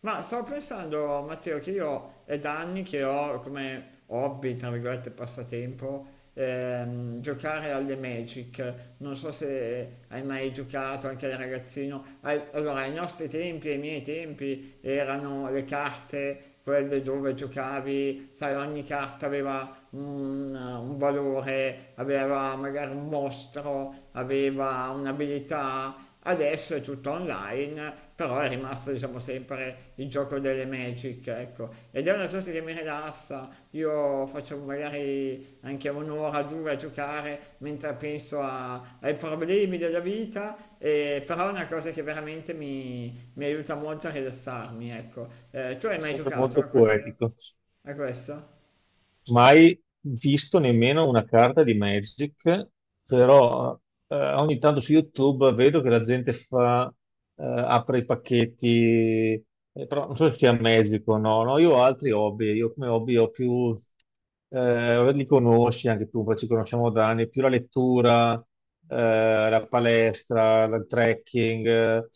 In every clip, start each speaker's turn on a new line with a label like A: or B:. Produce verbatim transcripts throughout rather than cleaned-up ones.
A: Ma stavo pensando, Matteo, che io è da anni che ho come hobby, tra virgolette, passatempo, ehm, giocare alle Magic. Non so se hai mai giocato anche da ragazzino. Ai- Allora, ai nostri tempi, ai miei tempi, erano le carte, quelle dove giocavi, sai, ogni carta aveva un, un valore, aveva magari un mostro, aveva un'abilità. Adesso è tutto online, però è rimasto, diciamo, sempre il gioco delle Magic, ecco. Ed è una cosa che mi rilassa, io faccio magari anche un'ora, due a giocare mentre penso a- ai problemi della vita, e- però è una cosa che veramente mi, mi aiuta molto a rilassarmi, ecco. Eh, tu hai
B: È
A: mai
B: sempre
A: giocato
B: molto
A: a questo?
B: poetico.
A: A questo?
B: Mai visto nemmeno una carta di Magic, però eh, ogni tanto su YouTube vedo che la gente fa, eh, apre i pacchetti. Eh, però non so se sia Magic o no. No, io ho altri hobby, io come hobby ho più... eh, li conosci anche tu, poi ci conosciamo da anni: più la lettura, eh, la palestra, il trekking. eh,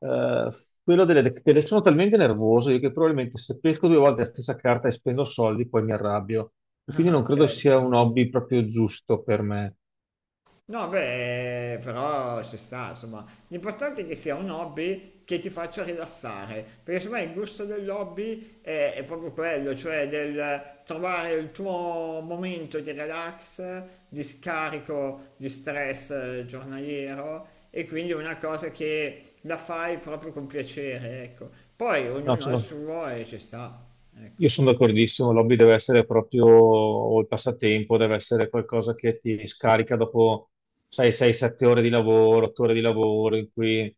B: eh, Quello delle, delle- sono talmente nervoso io che probabilmente se pesco due volte la stessa carta e spendo soldi, poi mi arrabbio, e quindi
A: Ah,
B: non
A: ok.
B: credo sia un hobby proprio giusto per me.
A: No, beh, però ci sta, insomma, l'importante è che sia un hobby che ti faccia rilassare, perché secondo me il gusto dell'hobby è, è proprio quello, cioè del trovare il tuo momento di relax, di scarico di stress, eh, giornaliero, e quindi è una cosa che la fai proprio con piacere, ecco. Poi
B: No,
A: ognuno ha il
B: sono
A: suo e ci sta, ecco.
B: Io sono d'accordissimo, l'hobby deve essere proprio, o il passatempo deve essere qualcosa che ti scarica dopo sei sette ore di lavoro, otto ore di lavoro, in cui, eh,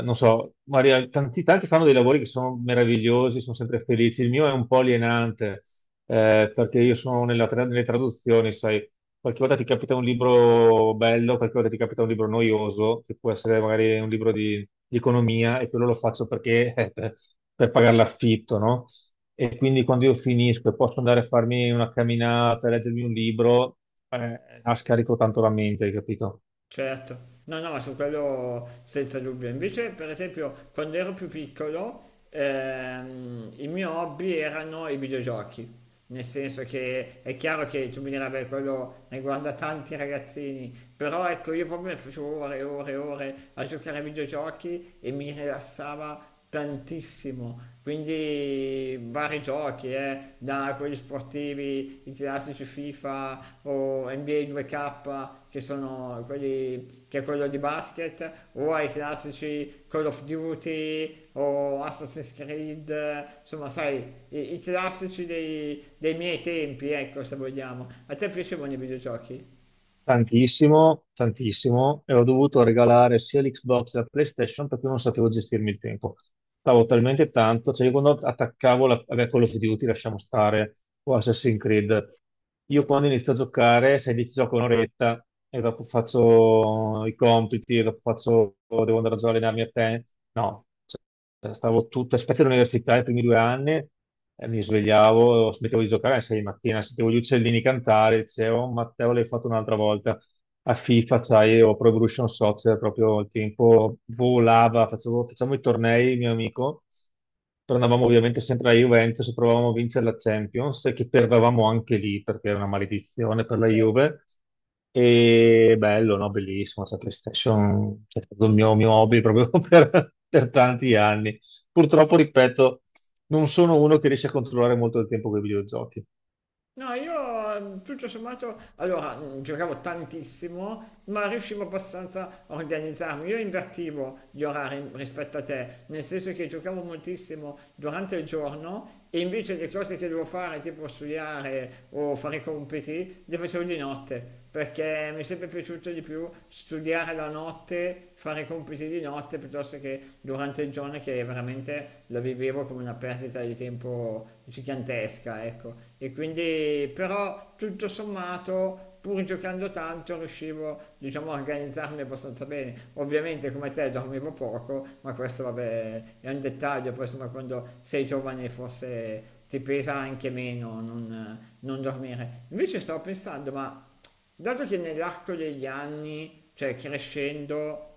B: non so, Maria, tanti, tanti fanno dei lavori che sono meravigliosi, sono sempre felici. Il mio è un po' alienante, eh, perché io sono nella tra- nelle traduzioni, sai, qualche volta ti capita un libro bello, qualche volta ti capita un libro noioso, che può essere magari un libro di, di economia, e quello lo faccio perché... per per pagare l'affitto, no? E quindi quando io finisco e posso andare a farmi una camminata, leggermi un libro, eh, la scarico tanto la mente, hai capito?
A: Certo, no, no, su quello senza dubbio. Invece, per esempio, quando ero più piccolo, ehm, il mio hobby erano i videogiochi. Nel senso che è chiaro che tu mi dirai, beh, quello riguarda tanti ragazzini, però ecco, io proprio ne facevo ore e ore e ore a giocare ai videogiochi e mi rilassava tantissimo. Quindi vari giochi, eh, da quelli sportivi, i classici FIFA o N B A due K, che sono quelli che è quello di basket, o ai classici Call of Duty o Assassin's Creed, eh, insomma, sai, i, i classici dei, dei miei tempi, ecco, se vogliamo. A te piacevano i videogiochi?
B: Tantissimo, tantissimo, e ho dovuto regalare sia l'Xbox che la PlayStation perché non sapevo gestirmi il tempo. Stavo talmente tanto, cioè io quando attaccavo la, vabbè, Call of Duty, lasciamo stare, o Assassin's Creed, io quando inizio a giocare, sai, dici gioco un'oretta e dopo faccio i compiti, e dopo faccio, devo andare già a allenarmi a te. No, cioè, stavo tutto, specie all'università i primi due anni, e mi svegliavo, smettevo di giocare alle sei di mattina, sentivo gli uccellini cantare, dicevo, "Oh, Matteo l'hai fatto un'altra volta a FIFA", sai, o Pro Evolution Soccer, proprio il tempo volava, facevo, facciamo i tornei, mio amico, tornavamo ovviamente sempre alla Juventus, provavamo a vincere la Champions, e che perdevamo anche lì, perché era una maledizione per la
A: Certo.
B: Juve, e bello, no? Bellissimo, la PlayStation, cioè, è stato il mio, mio hobby proprio per, per tanti anni. Purtroppo, ripeto, non sono uno che riesce a controllare molto il tempo con i videogiochi.
A: No, io, eh, tutto sommato, allora, mh, giocavo tantissimo, ma riuscivo abbastanza a organizzarmi. Io invertivo gli orari rispetto a te, nel senso che giocavo moltissimo durante il giorno e invece le cose che devo fare, tipo studiare o fare i compiti, le facevo di notte, perché mi è sempre piaciuto di più studiare la notte, fare i compiti di notte piuttosto che durante il giorno, che veramente la vivevo come una perdita di tempo gigantesca, ecco. E quindi però tutto sommato, pur giocando tanto, riuscivo, diciamo, a organizzarmi abbastanza bene. Ovviamente come te dormivo poco, ma questo, vabbè, è un dettaglio. Poi insomma, quando sei giovane forse ti pesa anche meno non, non dormire. Invece stavo pensando, ma dato che nell'arco degli anni, cioè crescendo,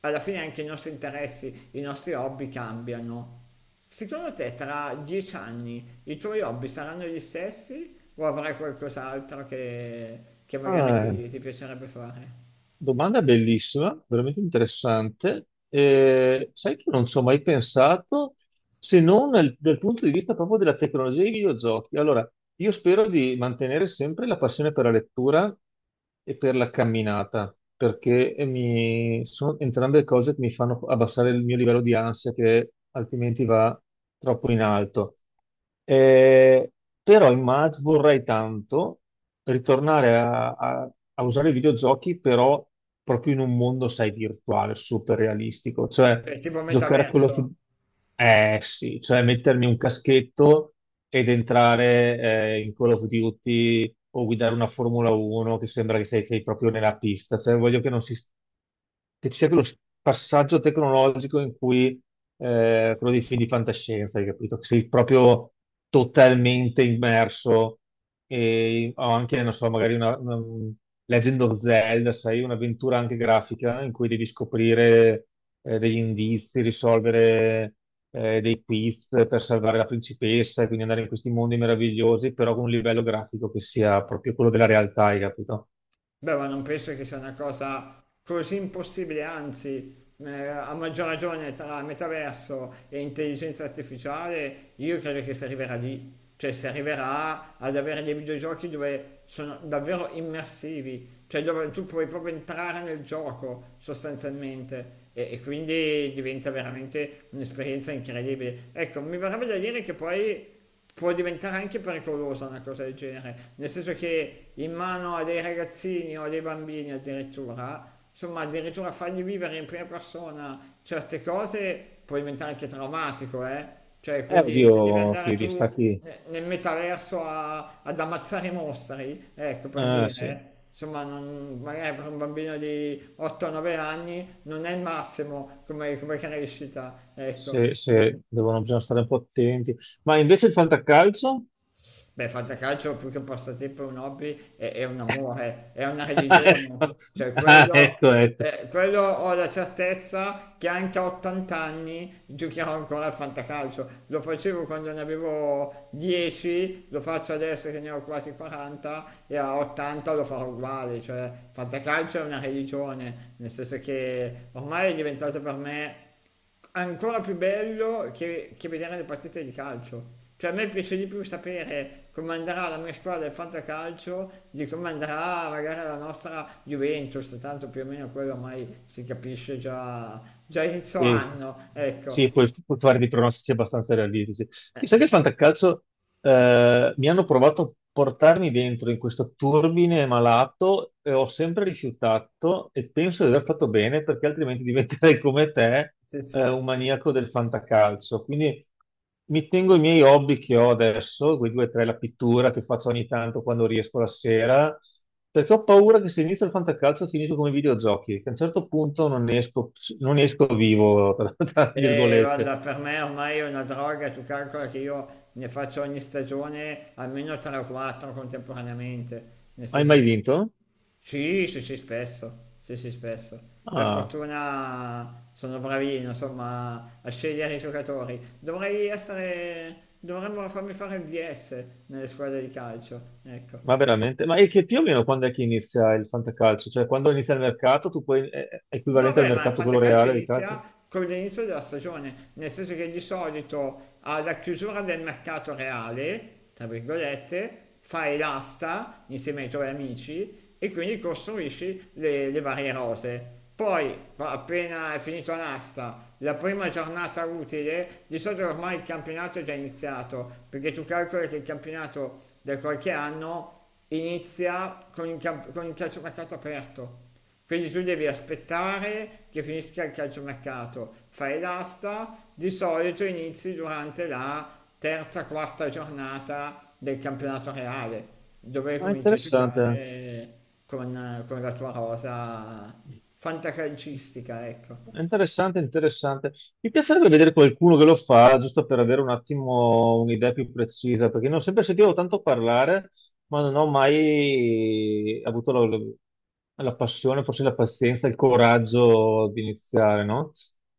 A: alla fine anche i nostri interessi, i nostri hobby cambiano, secondo te tra dieci anni i tuoi hobby saranno gli stessi o avrai qualcos'altro che, che magari
B: Ah,
A: ti, ti piacerebbe fare?
B: domanda bellissima, veramente interessante. Eh, sai che non ci ho mai pensato se non nel- dal punto di vista proprio della tecnologia e dei videogiochi. Allora, io spero di mantenere sempre la passione per la lettura e per la camminata, perché mi- sono entrambe cose che mi fanno abbassare il mio livello di ansia, che altrimenti va troppo in alto. Eh, Però immag- vorrei tanto ritornare a, a- a usare i videogiochi, però proprio in un mondo, sai, virtuale, super realistico. Cioè,
A: Cioè, tipo
B: giocare a quello...
A: metaverso?
B: Eh sì, cioè mettermi un caschetto ed entrare eh, in Call of Duty o guidare una Formula uno che sembra che sei, sei proprio nella pista. Cioè, voglio che non si... che ci sia quello s- passaggio tecnologico in cui eh, quello dei film di fantascienza, hai capito? Che sei proprio totalmente immerso, e ho anche, non so, magari una, una Legend of Zelda, sai, un'avventura anche grafica in cui devi scoprire eh, degli indizi, risolvere eh, dei quiz per salvare la principessa e quindi andare in questi mondi meravigliosi, però con un livello grafico che sia proprio quello della realtà, hai capito?
A: Beh, ma non penso che sia una cosa così impossibile, anzi, eh, a maggior ragione tra metaverso e intelligenza artificiale, io credo che si arriverà lì. Cioè si arriverà ad avere dei videogiochi dove sono davvero immersivi, cioè dove tu puoi proprio entrare nel gioco sostanzialmente, e, e quindi diventa veramente un'esperienza incredibile. Ecco, mi verrebbe da dire che poi può diventare anche pericolosa una cosa del genere, nel senso che in mano a dei ragazzini o a dei bambini, addirittura, insomma, addirittura fargli vivere in prima persona certe cose può diventare anche traumatico, eh? Cioè,
B: Eh,
A: quindi se devi
B: oddio,
A: andare
B: ti
A: tu
B: distacchi.
A: ne- nel metaverso a- ad ammazzare i mostri, ecco per
B: Eh, sì,
A: dire. Insomma, non- magari per un bambino di otto o nove anni non è il massimo come, come crescita, ecco.
B: se,
A: Eh.
B: se devono, bisogna stare un po' attenti. Ma invece il fantacalcio?
A: Beh, fantacalcio più che un passatempo è un hobby, è, è un amore, è una religione. Cioè,
B: Ah,
A: quello,
B: ecco, ecco.
A: eh, quello ho la certezza che anche a ottanta anni giocherò ancora al fantacalcio. Lo facevo quando ne avevo dieci, lo faccio adesso che ne ho quasi quaranta e a ottanta lo farò uguale. Cioè, fantacalcio è una religione, nel senso che ormai è diventato per me ancora più bello che, che vedere le partite di calcio. Cioè a me piace di più sapere come andrà la mia squadra del fantacalcio di come andrà magari la nostra Juventus, tanto più o meno quello ormai si capisce già, già inizio
B: E
A: anno, ecco.
B: sì,
A: Sì.
B: puoi puoi fare dei pronostici abbastanza realistici. Mi sa che il fantacalcio eh, mi hanno provato a portarmi dentro in questo turbine malato e ho sempre rifiutato e penso di aver fatto bene perché altrimenti diventerei come te,
A: Sì,
B: eh,
A: sì.
B: un maniaco del fantacalcio. Quindi mi tengo i miei hobby che ho adesso, quei due o tre, la pittura che faccio ogni tanto quando riesco la sera, perché ho paura che se inizio il fantacalcio finisco come i videogiochi, che a un certo punto non ne esco, non ne esco vivo, tra tra
A: E guarda,
B: virgolette.
A: per me ormai è una droga, tu calcola che io ne faccio ogni stagione almeno tre o quattro contemporaneamente, nel
B: Hai
A: senso
B: mai
A: che...
B: vinto?
A: Sì, sì, sì, spesso, sì, sì, spesso. Per
B: Ah.
A: fortuna sono bravino, insomma, a scegliere i giocatori. Dovrei essere, dovremmo farmi fare il D S nelle squadre di calcio, ecco.
B: Ma veramente? Ma è che più o meno quando è che inizia il fantacalcio? Cioè quando inizia il mercato, tu puoi... è è
A: No,
B: equivalente al
A: beh, ma il
B: mercato quello
A: fantacalcio
B: reale di calcio?
A: inizia con l'inizio della stagione, nel senso che di solito alla chiusura del mercato reale, tra virgolette, fai l'asta insieme ai tuoi amici e quindi costruisci le, le varie rose. Poi, pa- appena è finita l'asta, la prima giornata utile, di solito ormai il campionato è già iniziato, perché tu calcoli che il campionato da qualche anno inizia con il, camp- con il calciomercato aperto. Quindi tu devi aspettare che finisca il calciomercato, fai l'asta, di solito inizi durante la terza, quarta giornata del campionato reale, dove
B: Ah,
A: cominci a
B: interessante.
A: giocare con, con la tua rosa fantacalcistica, ecco.
B: Interessante, interessante. Mi piacerebbe vedere qualcuno che lo fa, giusto per avere un attimo un'idea più precisa, perché non ho sempre sentivo tanto parlare, ma non ho mai avuto la, la passione, forse la pazienza, il coraggio di iniziare, no?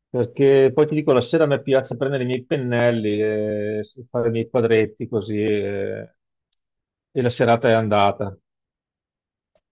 B: Perché poi ti dico, la sera a me piace prendere i miei pennelli, e fare i miei quadretti così, e e la serata è andata.